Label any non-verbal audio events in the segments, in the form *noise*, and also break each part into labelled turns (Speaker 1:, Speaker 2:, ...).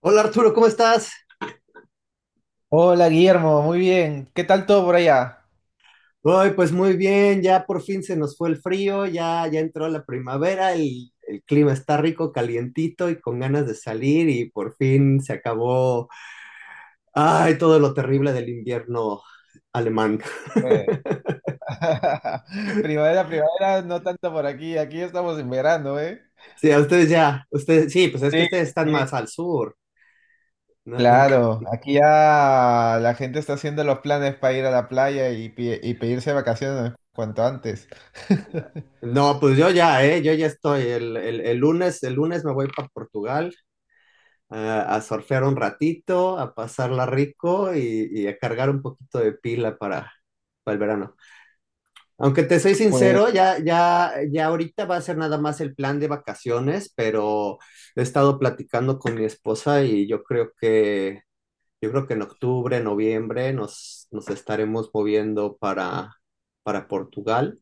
Speaker 1: Hola Arturo, ¿cómo estás?
Speaker 2: Hola Guillermo, muy bien. ¿Qué tal todo por allá?
Speaker 1: Hoy pues muy bien, ya por fin se nos fue el frío, ya entró la primavera, el clima está rico, calientito y con ganas de salir y por fin se acabó, ay, todo lo terrible del invierno alemán.
Speaker 2: Eh, *laughs* Primavera, primavera, no tanto por aquí. Aquí estamos en verano, ¿eh?
Speaker 1: Sí, a ustedes ya, ustedes, sí, pues es que
Speaker 2: Sí,
Speaker 1: ustedes están
Speaker 2: sí.
Speaker 1: más al sur. No,
Speaker 2: Claro, aquí ya la gente está haciendo los planes para ir a la playa y pedirse vacaciones cuanto antes. *laughs*
Speaker 1: no, pues yo ya estoy, el lunes me voy para Portugal a surfear un ratito, a pasarla rico y a cargar un poquito de pila para, el verano. Aunque te soy
Speaker 2: Pues,
Speaker 1: sincero, ya ahorita va a ser nada más el plan de vacaciones, pero he estado platicando con mi esposa y yo creo que en octubre, noviembre nos estaremos moviendo para Portugal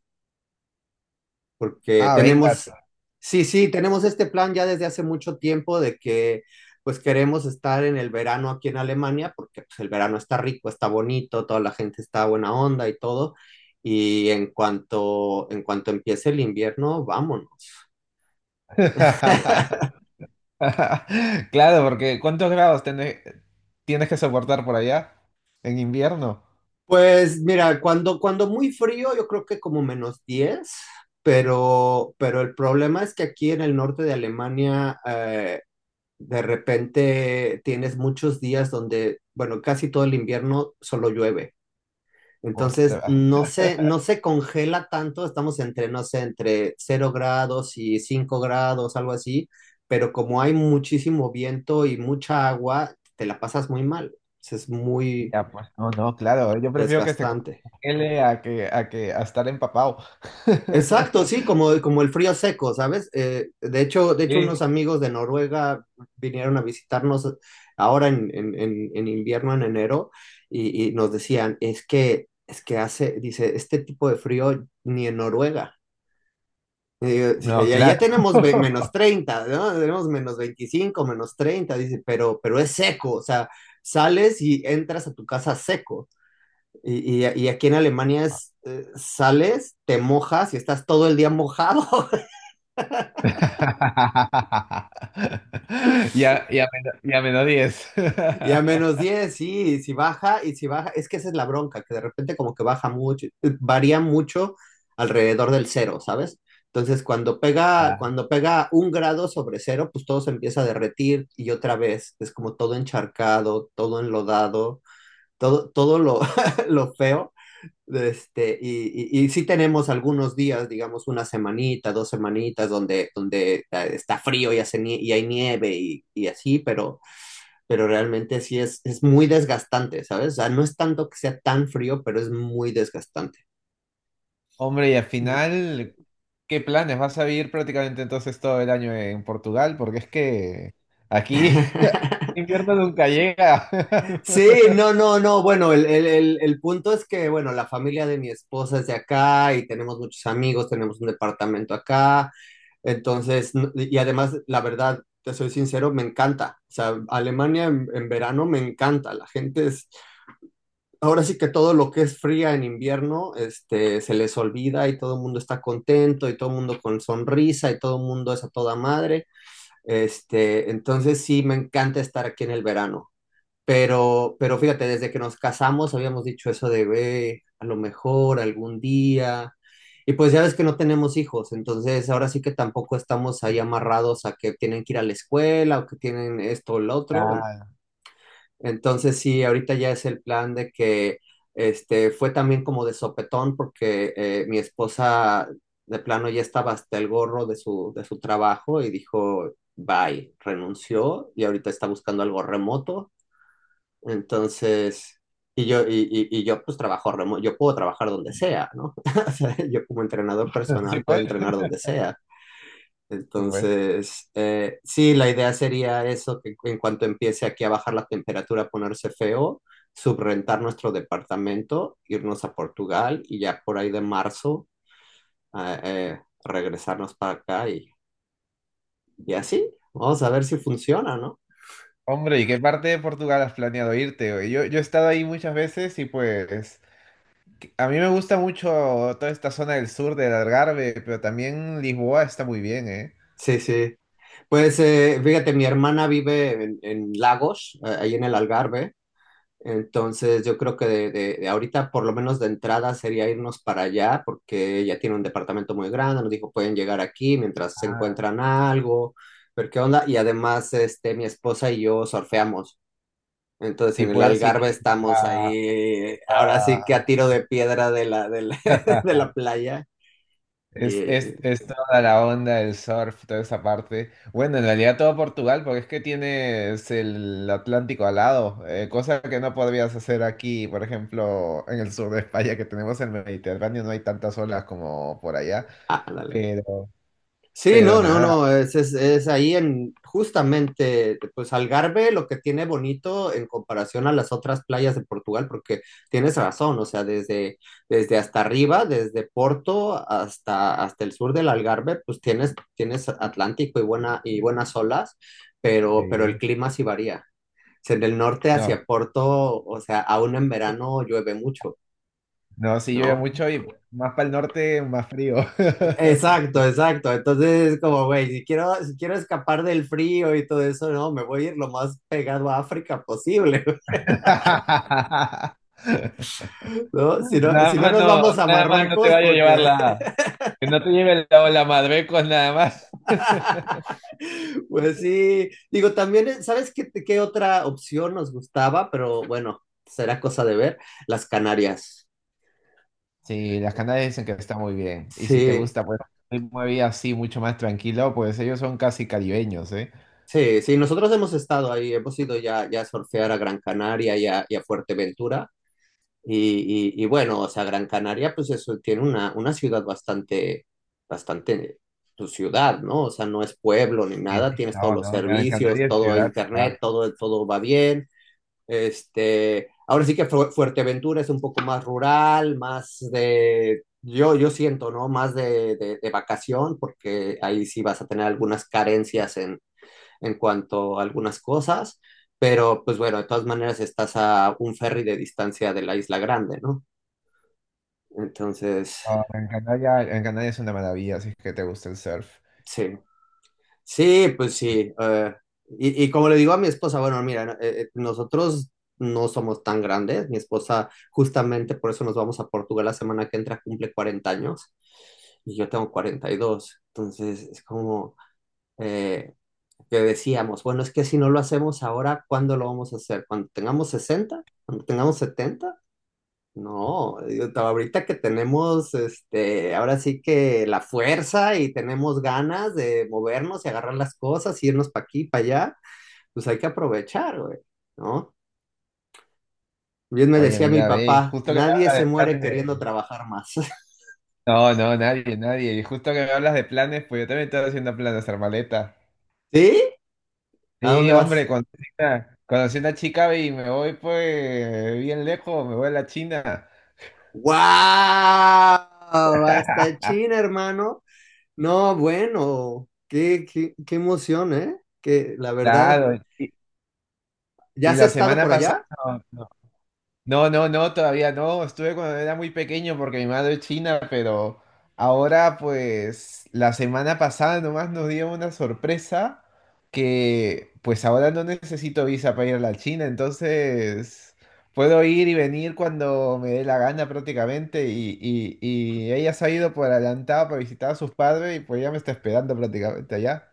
Speaker 1: porque
Speaker 2: ah, venga.
Speaker 1: tenemos, sí, sí, tenemos este plan ya desde hace mucho tiempo de que pues queremos estar en el verano aquí en Alemania, porque pues, el verano está rico, está bonito, toda la gente está buena onda y todo. Y en cuanto empiece el invierno, vámonos. *laughs*
Speaker 2: *laughs* Claro, porque ¿cuántos grados tienes que soportar por allá en invierno?
Speaker 1: Pues mira, cuando muy frío, yo creo que como -10, pero el problema es que aquí en el norte de Alemania. De repente tienes muchos días donde, bueno, casi todo el invierno solo llueve.
Speaker 2: Hostia,
Speaker 1: Entonces, no se congela tanto, estamos entre, no sé, entre cero grados y 5 grados, algo así, pero como hay muchísimo viento y mucha agua, te la pasas muy mal. Es muy
Speaker 2: ya, pues, no, no, claro, yo prefiero que se
Speaker 1: desgastante.
Speaker 2: congele a que, a estar empapado.
Speaker 1: Exacto, sí,
Speaker 2: *laughs*
Speaker 1: como el frío seco, ¿sabes? De hecho,
Speaker 2: Sí,
Speaker 1: unos amigos de Noruega vinieron a visitarnos ahora en invierno, en enero, y nos decían, es que hace, dice, este tipo de frío ni en Noruega. Y yo, dice,
Speaker 2: no,
Speaker 1: ya
Speaker 2: claro.
Speaker 1: tenemos menos
Speaker 2: *laughs*
Speaker 1: treinta ¿no? Tenemos -25, -30, dice, pero es seco, o sea, sales y entras a tu casa seco. Y aquí en Alemania, sales, te mojas y estás todo el día mojado. *laughs*
Speaker 2: Y a menos 10.
Speaker 1: Y a menos
Speaker 2: *laughs*
Speaker 1: 10 sí, y si baja, es que esa es la bronca, que de repente como que baja mucho, varía mucho alrededor del cero, ¿sabes? Entonces, cuando pega,
Speaker 2: Ah,
Speaker 1: cuando pega un grado sobre cero, pues todo se empieza a derretir y otra vez es como todo encharcado, todo enlodado, todo lo, *laughs* lo feo. Y sí tenemos algunos días, digamos una semanita, dos semanitas, donde está frío y, y hay nieve y así, pero realmente sí es muy desgastante, ¿sabes? O sea, no es tanto que sea tan frío, pero es muy desgastante.
Speaker 2: hombre, y al final, ¿qué planes? ¿Vas a vivir prácticamente entonces todo el año en Portugal? Porque es que aquí *laughs*
Speaker 1: *laughs*
Speaker 2: invierno nunca llega.
Speaker 1: Sí,
Speaker 2: *laughs*
Speaker 1: no, no, no. Bueno, el punto es que, bueno, la familia de mi esposa es de acá y tenemos muchos amigos, tenemos un departamento acá. Entonces, y además, la verdad, te soy sincero, me encanta. O sea, Alemania en verano me encanta. La gente es ahora sí que todo lo que es fría en invierno, este, se les olvida y todo el mundo está contento y todo el mundo con sonrisa y todo el mundo es a toda madre. Este, entonces sí me encanta estar aquí en el verano. Pero fíjate, desde que nos casamos habíamos dicho eso de, ve, a lo mejor algún día. Y pues ya ves que no tenemos hijos, entonces ahora sí que tampoco estamos ahí amarrados a que tienen que ir a la escuela o que tienen esto o lo otro.
Speaker 2: Ah,
Speaker 1: Entonces sí, ahorita ya es el plan de que este fue también como de sopetón porque mi esposa de plano ya estaba hasta el gorro de su trabajo y dijo bye, renunció y ahorita está buscando algo remoto. Entonces y yo pues trabajo remoto, yo puedo trabajar donde sea, ¿no? *laughs* O sea, yo como entrenador personal
Speaker 2: sí,
Speaker 1: puedo
Speaker 2: pues.
Speaker 1: entrenar donde sea.
Speaker 2: Sí, pues.
Speaker 1: Entonces, sí, la idea sería eso, que en cuanto empiece aquí a bajar la temperatura, a ponerse feo, subrentar nuestro departamento, irnos a Portugal y ya por ahí de marzo, regresarnos para acá y así. Vamos a ver si funciona, ¿no?
Speaker 2: Hombre, ¿y qué parte de Portugal has planeado irte, güey? Yo he estado ahí muchas veces y pues a mí me gusta mucho toda esta zona del sur del Algarve, pero también Lisboa está muy bien, ¿eh?
Speaker 1: Sí, sí. Pues fíjate, mi hermana vive en Lagos, ahí en el Algarve. Entonces, yo creo que de ahorita, por lo menos de entrada, sería irnos para allá, porque ella tiene un departamento muy grande, nos dijo, pueden llegar aquí mientras se
Speaker 2: Ah,
Speaker 1: encuentran algo, ver qué onda. Y además, este, mi esposa y yo surfeamos. Entonces,
Speaker 2: sí,
Speaker 1: en el
Speaker 2: puedes ir
Speaker 1: Algarve estamos
Speaker 2: a...
Speaker 1: ahí, ahora sí que a
Speaker 2: a-
Speaker 1: tiro de piedra de la, *laughs* de la
Speaker 2: *laughs*
Speaker 1: playa.
Speaker 2: Es,
Speaker 1: Y,
Speaker 2: es, es toda la onda del surf, toda esa parte. Bueno, en realidad todo Portugal, porque es que tienes el Atlántico al lado, cosa que no podrías hacer aquí, por ejemplo, en el sur de España, que tenemos el Mediterráneo, no hay tantas olas como por allá.
Speaker 1: ah, dale.
Speaker 2: Pero,
Speaker 1: Sí,
Speaker 2: pero
Speaker 1: no, no,
Speaker 2: nada,
Speaker 1: no, es ahí en justamente, pues Algarve lo que tiene bonito en comparación a las otras playas de Portugal, porque tienes razón, o sea, desde hasta arriba, desde Porto hasta, hasta el sur del Algarve, pues tienes, tienes Atlántico y, y buenas olas, pero el
Speaker 2: sí.
Speaker 1: clima sí varía. O sea, en el norte
Speaker 2: No,
Speaker 1: hacia Porto, o sea, aún en verano llueve mucho.
Speaker 2: no, sí llueve
Speaker 1: ¿No?
Speaker 2: mucho y más para el norte, más frío.
Speaker 1: Exacto, exacto. Entonces es como, güey, si quiero escapar del frío y todo eso, no, me voy a ir lo más pegado a África posible.
Speaker 2: *laughs*
Speaker 1: *laughs* ¿No? Si no,
Speaker 2: Nada
Speaker 1: si no
Speaker 2: más
Speaker 1: nos
Speaker 2: no,
Speaker 1: vamos a
Speaker 2: nada más no te
Speaker 1: Marruecos,
Speaker 2: vaya a llevar
Speaker 1: porque,
Speaker 2: la, que no te lleve la ola Madrecos nada más. *laughs*
Speaker 1: *laughs* pues sí, digo, también, ¿sabes qué, qué, otra opción nos gustaba? Pero bueno, será cosa de ver, las Canarias.
Speaker 2: Sí, las Canarias dicen que está muy bien. Y si te
Speaker 1: Sí,
Speaker 2: gusta, pues, una vida así mucho más tranquilo, pues ellos son casi caribeños, ¿eh?
Speaker 1: sí, sí, nosotros hemos estado ahí, hemos ido ya a surfear a Gran Canaria y a Fuerteventura. Y bueno, o sea, Gran Canaria, pues eso, tiene una ciudad bastante, bastante, tu ciudad, ¿no? O sea, no es pueblo ni
Speaker 2: Sí,
Speaker 1: nada,
Speaker 2: sí,
Speaker 1: tienes todos
Speaker 2: no,
Speaker 1: los
Speaker 2: no, Gran
Speaker 1: servicios,
Speaker 2: Canaria es
Speaker 1: todo
Speaker 2: ciudad,
Speaker 1: internet,
Speaker 2: ¿verdad?
Speaker 1: todo, todo va bien. Este, ahora sí que Fuerteventura es un poco más rural, yo siento, ¿no? Más de vacación, porque ahí sí vas a tener algunas carencias en cuanto a algunas cosas, pero pues bueno, de todas maneras estás a un ferry de distancia de la Isla Grande, ¿no? Entonces,
Speaker 2: No, Gran Canaria, Gran Canaria es una maravilla, si es que te gusta el surf.
Speaker 1: sí, sí, pues sí. Y como le digo a mi esposa, bueno, mira, no, nosotros no somos tan grandes. Mi esposa, justamente por eso nos vamos a Portugal la semana que entra, cumple 40 años y yo tengo 42. Entonces, es como eh, que decíamos, bueno, es que si no lo hacemos ahora, ¿cuándo lo vamos a hacer? ¿Cuando tengamos 60? ¿Cuando tengamos 70? No, digo, ahorita que tenemos, este, ahora sí que la fuerza y tenemos ganas de movernos y agarrar las cosas, irnos para aquí, para allá, pues hay que aprovechar, güey, ¿no? Bien me
Speaker 2: Oye,
Speaker 1: decía mi
Speaker 2: mira, ve, y
Speaker 1: papá,
Speaker 2: justo que me
Speaker 1: nadie se
Speaker 2: hablas de
Speaker 1: muere
Speaker 2: planes
Speaker 1: queriendo
Speaker 2: de...
Speaker 1: trabajar más. *laughs*
Speaker 2: No, no, nadie, nadie. Y justo que me hablas de planes, pues yo también estoy haciendo planes de hacer maleta.
Speaker 1: ¿Sí? ¿A
Speaker 2: Sí,
Speaker 1: dónde vas?
Speaker 2: hombre, conocí una chica ve, y me voy pues bien lejos, me voy a la China.
Speaker 1: ¡Wow! Hasta
Speaker 2: *laughs*
Speaker 1: China, hermano. No, bueno, qué emoción, ¿eh? Que la verdad,
Speaker 2: Claro, y,
Speaker 1: ¿ya
Speaker 2: y
Speaker 1: has
Speaker 2: la
Speaker 1: estado
Speaker 2: semana
Speaker 1: por
Speaker 2: pasada...
Speaker 1: allá?
Speaker 2: No, no, no, todavía no. Estuve cuando era muy pequeño porque mi madre es china, pero ahora pues la semana pasada nomás nos dio una sorpresa que pues ahora no necesito visa para ir a la China, entonces puedo ir y venir cuando me dé la gana prácticamente y ella se ha ido por adelantado para visitar a sus padres y pues ya me está esperando prácticamente allá.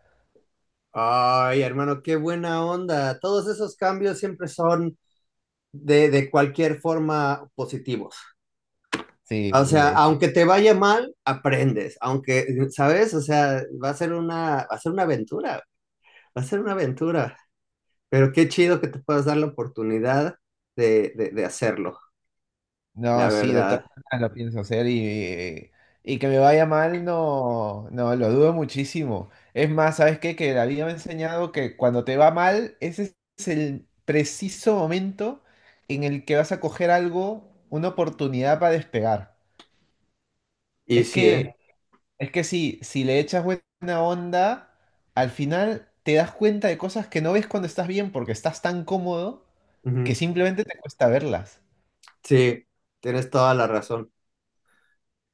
Speaker 1: Ay, hermano, qué buena onda. Todos esos cambios siempre son de cualquier forma positivos.
Speaker 2: Sí,
Speaker 1: O sea,
Speaker 2: de
Speaker 1: aunque te vaya mal, aprendes. Aunque, ¿sabes? O sea, va a ser una aventura. Va a ser una aventura. Pero qué chido que te puedas dar la oportunidad de hacerlo,
Speaker 2: no,
Speaker 1: la
Speaker 2: sí, de todas
Speaker 1: verdad.
Speaker 2: maneras lo pienso hacer y que me vaya mal, no, no, lo dudo muchísimo. Es más, ¿sabes qué? Que la vida me ha enseñado que cuando te va mal, ese es el preciso momento en el que vas a coger algo, una oportunidad para despegar.
Speaker 1: Y
Speaker 2: Es
Speaker 1: sí, ¿eh?
Speaker 2: que, es que sí, si le echas buena onda, al final te das cuenta de cosas que no ves cuando estás bien porque estás tan cómodo que
Speaker 1: Ujú.
Speaker 2: simplemente te cuesta verlas.
Speaker 1: Sí, tienes toda la razón.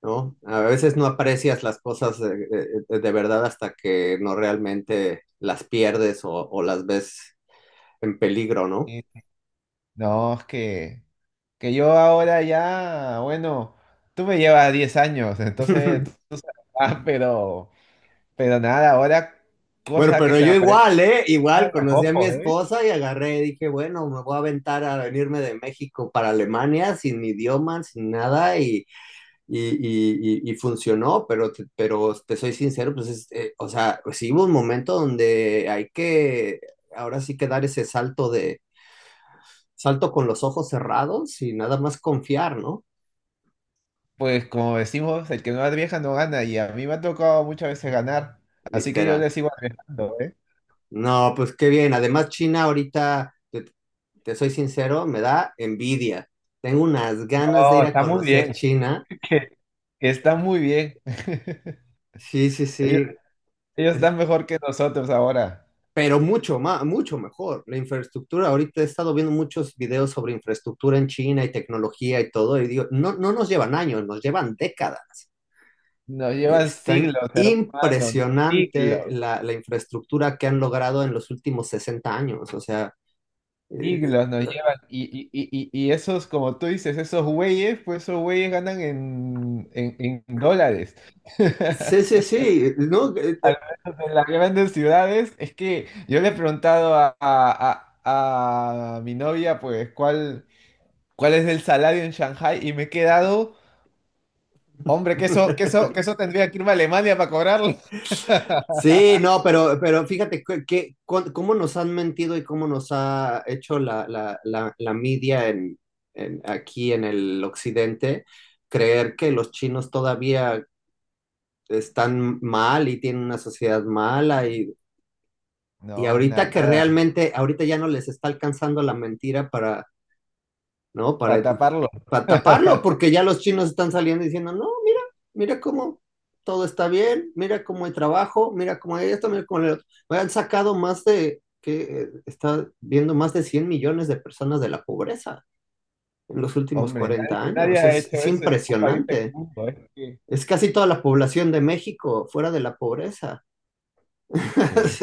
Speaker 1: ¿No? A veces no aprecias las cosas de, verdad hasta que no realmente las pierdes o las ves en peligro, ¿no?
Speaker 2: Y- No, es que... Que yo ahora ya, bueno, tú me llevas 10 años, entonces tú,
Speaker 1: *laughs*
Speaker 2: tú sabes *laughs* más, pero nada, ahora
Speaker 1: Bueno,
Speaker 2: cosa que
Speaker 1: pero
Speaker 2: se me
Speaker 1: yo
Speaker 2: aparece
Speaker 1: igual, ¿eh? Igual
Speaker 2: a
Speaker 1: conocí a mi
Speaker 2: ojo, ¿eh?
Speaker 1: esposa y agarré, dije, bueno, me voy a aventar a venirme de México para Alemania sin mi idioma, sin nada, y funcionó, pero, pero te soy sincero, pues, es, o sea, pues sí hubo un momento donde hay que, ahora sí que dar ese salto de salto con los ojos cerrados y nada más confiar, ¿no?
Speaker 2: Pues como decimos, el que no arriesga no gana, y a mí me ha tocado muchas veces ganar, así que yo
Speaker 1: Literal.
Speaker 2: le sigo arriesgando, ¿eh?
Speaker 1: No, pues qué bien. Además, China ahorita, te soy sincero, me da envidia. Tengo unas ganas de
Speaker 2: No,
Speaker 1: ir a
Speaker 2: está muy
Speaker 1: conocer
Speaker 2: bien,
Speaker 1: China.
Speaker 2: *laughs* que, que está muy bien.
Speaker 1: Sí, sí,
Speaker 2: *laughs* Ellos,
Speaker 1: sí.
Speaker 2: ellos
Speaker 1: Es-
Speaker 2: están mejor que nosotros ahora.
Speaker 1: Pero mucho más, mucho mejor. La infraestructura, ahorita he estado viendo muchos videos sobre infraestructura en China y tecnología y todo, y digo, no, no nos llevan años, nos llevan décadas.
Speaker 2: Nos llevan
Speaker 1: Están
Speaker 2: siglos, hermano, ¿no?
Speaker 1: impresionante
Speaker 2: Siglos.
Speaker 1: la infraestructura que han logrado en los últimos 60 años. O sea, eh,
Speaker 2: Siglos nos llevan y esos, como tú dices, esos güeyes, pues esos güeyes ganan en, en dólares.
Speaker 1: sí, sí,
Speaker 2: *laughs*
Speaker 1: sí, ¿no?
Speaker 2: Al menos en las grandes ciudades, es que yo le he preguntado a mi novia, pues, cuál es el salario en Shanghai y me he quedado, hombre,
Speaker 1: *laughs*
Speaker 2: que eso tendría que irme a Alemania para cobrarlo. *laughs*
Speaker 1: Sí, no, pero fíjate que cómo nos han mentido y cómo nos ha hecho la media aquí en el occidente creer que los chinos todavía están mal y tienen una sociedad mala. Y
Speaker 2: No,
Speaker 1: ahorita que
Speaker 2: nada,
Speaker 1: realmente, ahorita ya no les está alcanzando la mentira para, ¿no?
Speaker 2: para
Speaker 1: Para,
Speaker 2: taparlo.
Speaker 1: para taparlo,
Speaker 2: *laughs*
Speaker 1: porque ya los chinos están saliendo diciendo, no, mira, mira cómo todo está bien, mira cómo hay trabajo, mira cómo hay esto, mira cómo hay otro. Han sacado que está viendo más de 100 millones de personas de la pobreza en los últimos
Speaker 2: Hombre,
Speaker 1: 40
Speaker 2: nadie, nadie
Speaker 1: años.
Speaker 2: ha
Speaker 1: Es,
Speaker 2: hecho
Speaker 1: es
Speaker 2: eso en un país del
Speaker 1: impresionante.
Speaker 2: mundo, es que...
Speaker 1: Es casi toda la población de México fuera de la pobreza. *laughs*
Speaker 2: Sí.
Speaker 1: Es,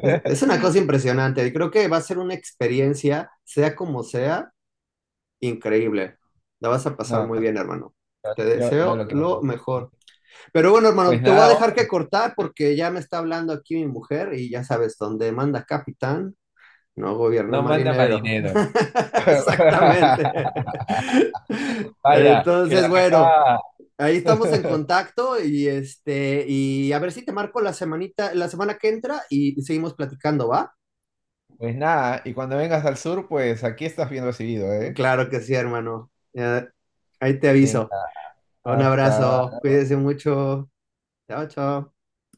Speaker 1: es una cosa impresionante. Y creo que va a ser una experiencia, sea como sea, increíble. La vas a pasar
Speaker 2: No,
Speaker 1: muy bien, hermano. Te
Speaker 2: yo
Speaker 1: deseo
Speaker 2: lo que voy a hacer.
Speaker 1: lo mejor. Pero bueno,
Speaker 2: Pues
Speaker 1: hermano, te voy a
Speaker 2: *laughs* nada,
Speaker 1: dejar que cortar porque ya me está hablando aquí mi mujer y ya sabes, donde manda capitán, no gobierna
Speaker 2: no manda más
Speaker 1: marinero.
Speaker 2: dinero.
Speaker 1: *laughs* Exactamente.
Speaker 2: *laughs* Vaya, que
Speaker 1: Entonces,
Speaker 2: la
Speaker 1: bueno.
Speaker 2: jefa.
Speaker 1: Ahí estamos en
Speaker 2: *laughs*
Speaker 1: contacto y este, y a ver si te marco la semanita, la semana que entra y seguimos platicando, ¿va?
Speaker 2: Pues nada, y cuando vengas al sur, pues aquí estás bien recibido, ¿eh?
Speaker 1: Claro que sí, hermano. Ahí te aviso.
Speaker 2: Venga,
Speaker 1: Un abrazo,
Speaker 2: hasta.
Speaker 1: cuídese mucho. Chao, chao.